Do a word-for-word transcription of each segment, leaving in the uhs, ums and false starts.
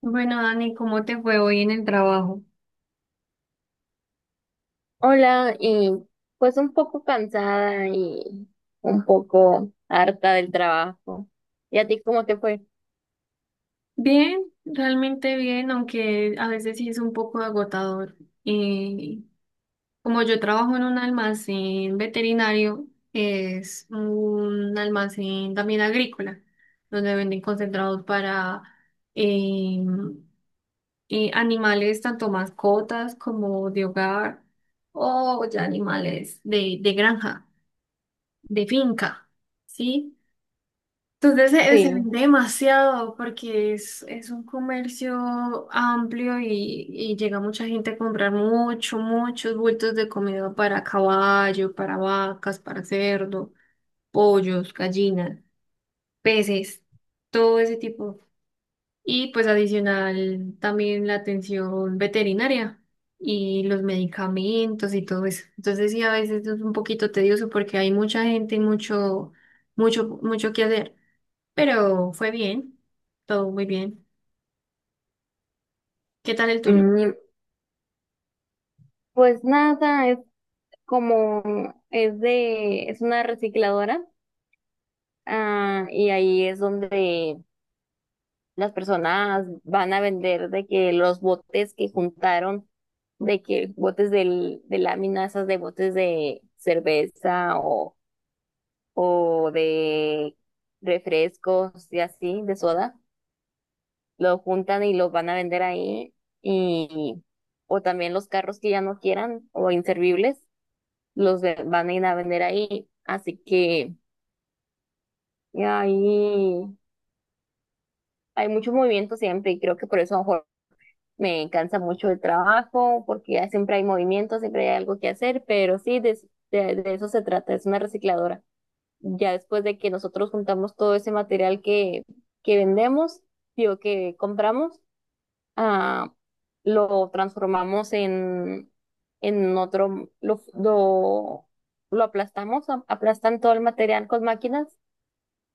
Bueno, Dani, ¿cómo te fue hoy en el trabajo? Hola, y pues un poco cansada y un poco harta del trabajo. ¿Y a ti cómo te fue? Bien, realmente bien, aunque a veces sí es un poco agotador. Eh, Como yo trabajo en un almacén veterinario, es un almacén también agrícola, donde venden concentrados para eh, eh, animales, tanto mascotas como de hogar, o ya animales de, de granja, de finca, ¿sí? Entonces se, se Sí. vende demasiado porque es, es un comercio amplio y, y llega mucha gente a comprar mucho, muchos bultos de comida para caballo, para vacas, para cerdo, pollos, gallinas, peces, todo ese tipo. Y pues adicional también la atención veterinaria y los medicamentos y todo eso. Entonces sí, a veces es un poquito tedioso porque hay mucha gente y mucho, mucho, mucho que hacer, pero fue bien, todo muy bien. ¿Qué tal el tuyo? Mm, Pues nada, es como es de es una recicladora, ah, y ahí es donde las personas van a vender de que los botes que juntaron, de que botes del, de láminas, esas de botes de cerveza o de refrescos y así, de soda, lo juntan y los van a vender ahí y o también los carros que ya no quieran o inservibles los ve- van a ir a vender ahí, así que y ahí hay mucho movimiento siempre y creo que por eso a lo mejor me cansa mucho el trabajo porque ya siempre hay movimiento, siempre hay algo que hacer, pero sí de, de de eso se trata, es una recicladora. Ya después de que nosotros juntamos todo ese material que, que vendemos, digo, que compramos, ah, lo transformamos en, en otro, lo, lo, lo aplastamos, a- aplastan todo el material con máquinas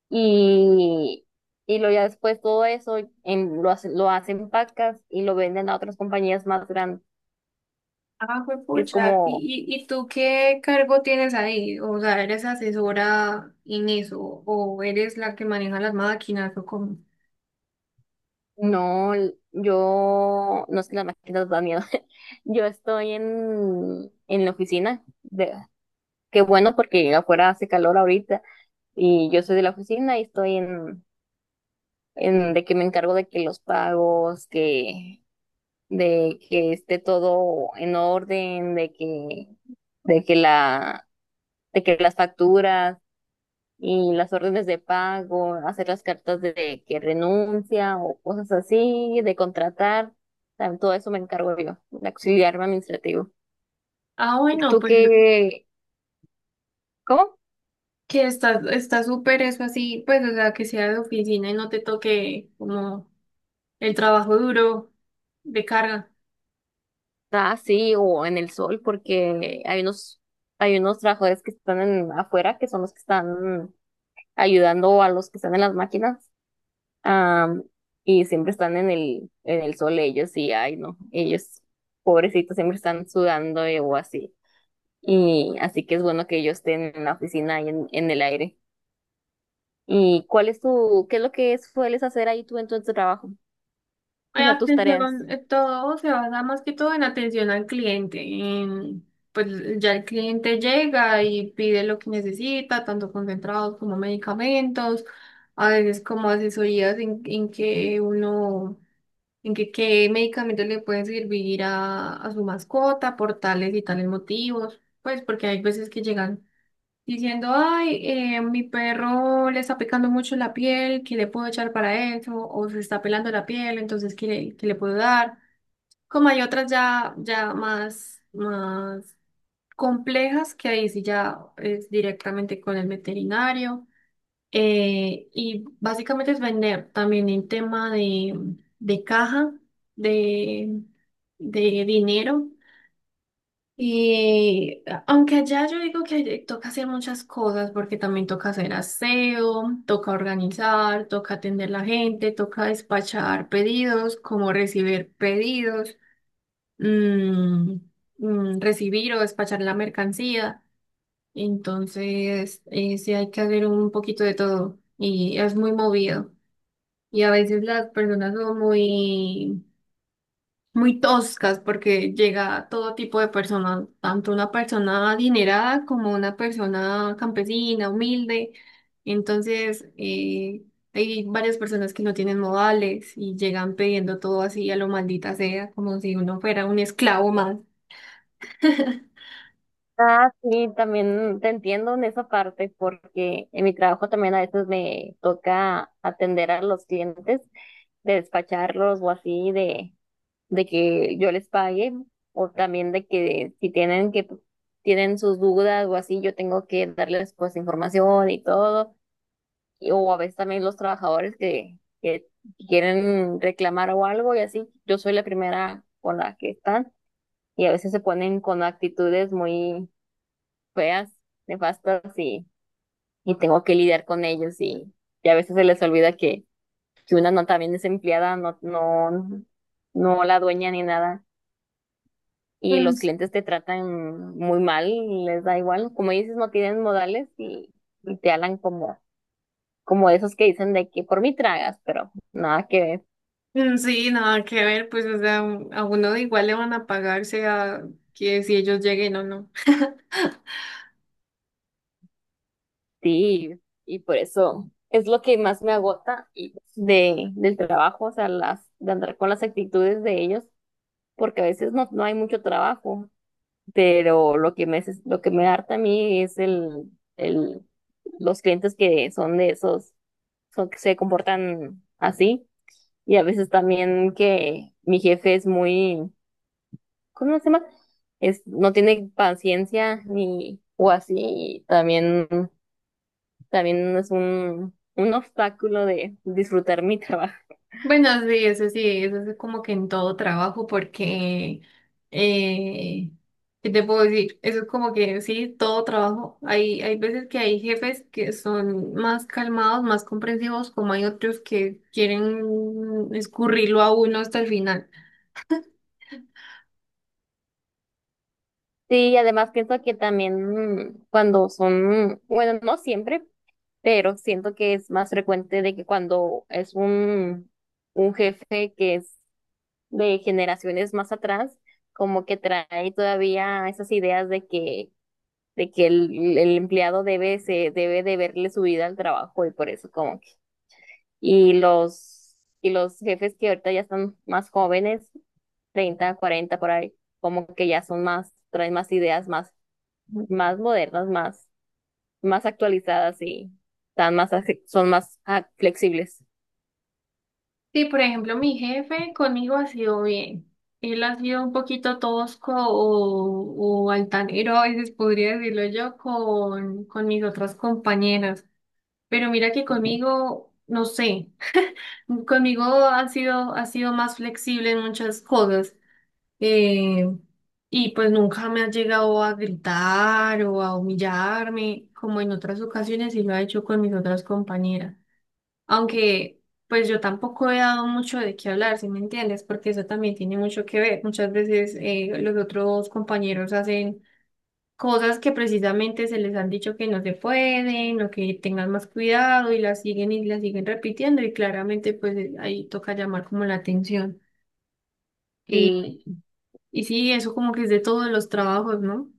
y, y lo ya después todo eso en, lo, hace- lo hacen pacas y lo venden a otras compañías más grandes. Ah, fue Es pucha. como ¿Y, y y tú qué cargo tienes ahí? O sea, ¿eres asesora en eso? ¿O eres la que maneja las máquinas? ¿O cómo? no, yo no, es que las máquinas dan miedo. Yo estoy en, en la oficina. De, qué bueno porque afuera hace calor ahorita y yo soy de la oficina y estoy en, en de que me encargo de que los pagos, que de que esté todo en orden, de que de que la de que las facturas y las órdenes de pago, hacer las cartas de que renuncia o cosas así, de contratar, tam- todo eso me encargo yo, de auxiliarme administrativo. Ah, bueno, ¿Tú pues qué? ¿Cómo? que está, está súper eso así, pues, o sea, que sea de oficina y no te toque como el trabajo duro de carga. Ah, sí, o en el sol, porque hay unos, hay unos trabajadores que están en- afuera, que son los que están ayudando a los que están en las máquinas, am, y siempre están en el, en el sol ellos, y ay, no, ellos, pobrecitos, siempre están sudando eh, o así. Y así que es bueno que ellos estén en la oficina y en, en el aire. ¿Y cuál es tu, qué es lo que sueles hacer ahí tú en tu, en tu trabajo? O Hay sea, tus tareas. atención, eh, todo se basa más que todo en atención al cliente, en, pues ya el cliente llega y pide lo que necesita, tanto concentrados como medicamentos, a veces como asesorías en, en que uno, en que qué medicamentos le pueden servir a, a su mascota por tales y tales motivos, pues porque hay veces que llegan diciendo, ay, eh, mi perro le está picando mucho la piel, ¿qué le puedo echar para eso? O se está pelando la piel, entonces, ¿qué le, ¿qué le puedo dar? Como hay otras ya, ya más, más complejas, que ahí sí ya es directamente con el veterinario. Eh, y básicamente es vender también en tema de, de caja, de, de dinero. Y aunque allá yo digo que allá toca hacer muchas cosas, porque también toca hacer aseo, toca organizar, toca atender la gente, toca despachar pedidos, como recibir pedidos, mm, mm, recibir o despachar la mercancía. Entonces, eh, sí hay que hacer un poquito de todo y es muy movido. Y a veces las personas son muy muy toscas porque llega todo tipo de personas, tanto una persona adinerada como una persona campesina, humilde. Entonces, eh, hay varias personas que no tienen modales y llegan pidiendo todo así a lo maldita sea, como si uno fuera un esclavo más. Ah, sí, también te entiendo en esa parte porque en mi trabajo también a veces me toca atender a los clientes, de despacharlos o así, de, de que yo les pague o también de que si tienen que tienen sus dudas o así, yo tengo que darles pues información y todo y- o a veces también los trabajadores que, que quieren reclamar o algo y así. Yo soy la primera con la que están y a veces se ponen con actitudes muy feas, nefastas y, y tengo que lidiar con ellos y, y a veces se les olvida que, que una no también es empleada, no, no, no la dueña ni nada. Y Mm, los clientes te tratan muy mal, les da igual. Como dices, no tienen modales y, y te hablan como, como esos que dicen de que por mí tragas, pero nada que ver. mm, sí, nada que ver, pues, o sea, a uno igual le van a pagar, sea que si ellos lleguen o no. Sí, y por eso es lo que más me agota y- de, del trabajo, o sea, las, de andar con las actitudes de ellos, porque a veces no, no hay mucho trabajo, pero lo que me, hace- lo que me harta a mí es el, el, los clientes que son de esos, son que se comportan así, y a veces también que mi jefe es muy, ¿cómo se llama? Es, no tiene paciencia ni, o así, y también también es un, un obstáculo de disfrutar mi trabajo. Bueno, sí, eso sí, eso es como que en todo trabajo, porque, eh, ¿qué te puedo decir? Eso es como que sí, todo trabajo. Hay, hay veces que hay jefes que son más calmados, más comprensivos, como hay otros que quieren escurrirlo a uno hasta el final. Sí, y además pienso que también mm, cuando son, bueno, no siempre, pero siento que es más frecuente de que cuando es un, un jefe que es de generaciones más atrás, como que trae todavía esas ideas de que, de que el, el empleado debe, se, debe de verle su vida al trabajo y por eso como que, y los, y los jefes que ahorita ya están más jóvenes treinta, cuarenta por ahí, como que ya son más, traen más ideas más, más modernas, más, más actualizadas y están más, ace- son más ah, flexibles. Sí, por ejemplo, mi jefe conmigo ha sido bien. Él ha sido un poquito tosco o, o altanero, a veces podría decirlo yo, con, con mis otras compañeras. Pero mira que conmigo, no sé, conmigo ha sido, ha sido más flexible en muchas cosas. eh, y pues nunca me ha llegado a gritar o a humillarme, como en otras ocasiones y lo ha hecho con mis otras compañeras. Aunque pues yo tampoco he dado mucho de qué hablar, ¿si me entiendes? Porque eso también tiene mucho que ver. Muchas veces eh, los otros compañeros hacen cosas que precisamente se les han dicho que no se pueden o que tengan más cuidado y las siguen y las siguen repitiendo y claramente pues, eh, ahí toca llamar como la atención. Y, Sí, y sí, eso como que es de todos los trabajos, ¿no?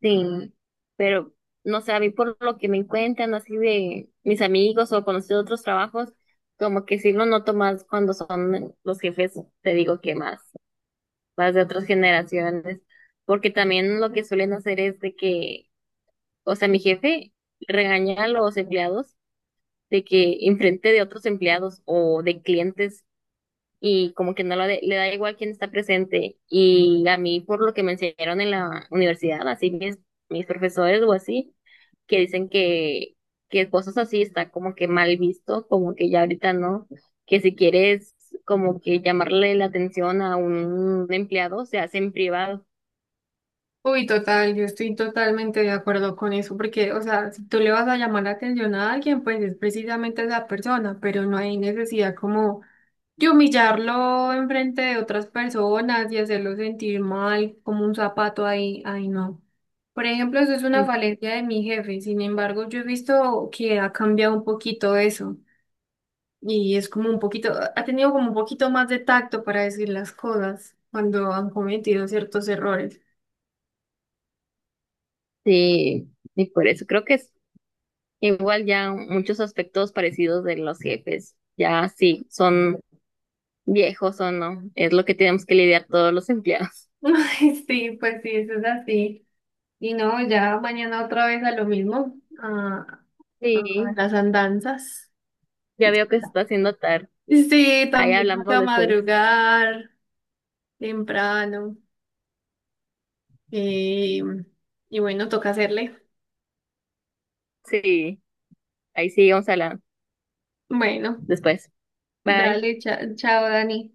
sí, pero no sé, a mí por lo que me encuentran así de mis amigos o conocidos de otros trabajos, como que sí lo noto más cuando son los jefes, te digo que más, más de otras generaciones, porque también lo que suelen hacer es de que, o sea, mi jefe regaña a los empleados de que enfrente de otros empleados o de clientes y como que no lo de- le da igual quién está presente. Y a mí, por lo que me enseñaron en la universidad, así mis, mis profesores o así, que dicen que, que cosas así está como que mal visto, como que ya ahorita no, que si quieres como que llamarle la atención a un empleado, se hace en privado. Uy, total, yo estoy totalmente de acuerdo con eso, porque, o sea, si tú le vas a llamar la atención a alguien, pues es precisamente esa persona, pero no hay necesidad como y humillarlo enfrente de otras personas y hacerlo sentir mal como un zapato ahí, ahí no. Por ejemplo, eso es una falencia de mi jefe. Sin embargo, yo he visto que ha cambiado un poquito eso. Y es como un poquito, ha tenido como un poquito más de tacto para decir las cosas cuando han cometido ciertos errores. Sí, y por eso creo que es igual ya muchos aspectos parecidos de los jefes, ya sí, son viejos o no, es lo que tenemos que lidiar todos los empleados. Ay, sí, pues sí, eso es así. Y no, ya mañana otra vez a lo mismo, a, a a Sí, las andanzas. ya veo que se está haciendo tarde. Sí, Ahí también hablamos toca después. madrugar temprano. eh, y bueno, toca hacerle. Sí, ahí seguimos hablando Bueno, después. Bye. dale, cha- chao, Dani.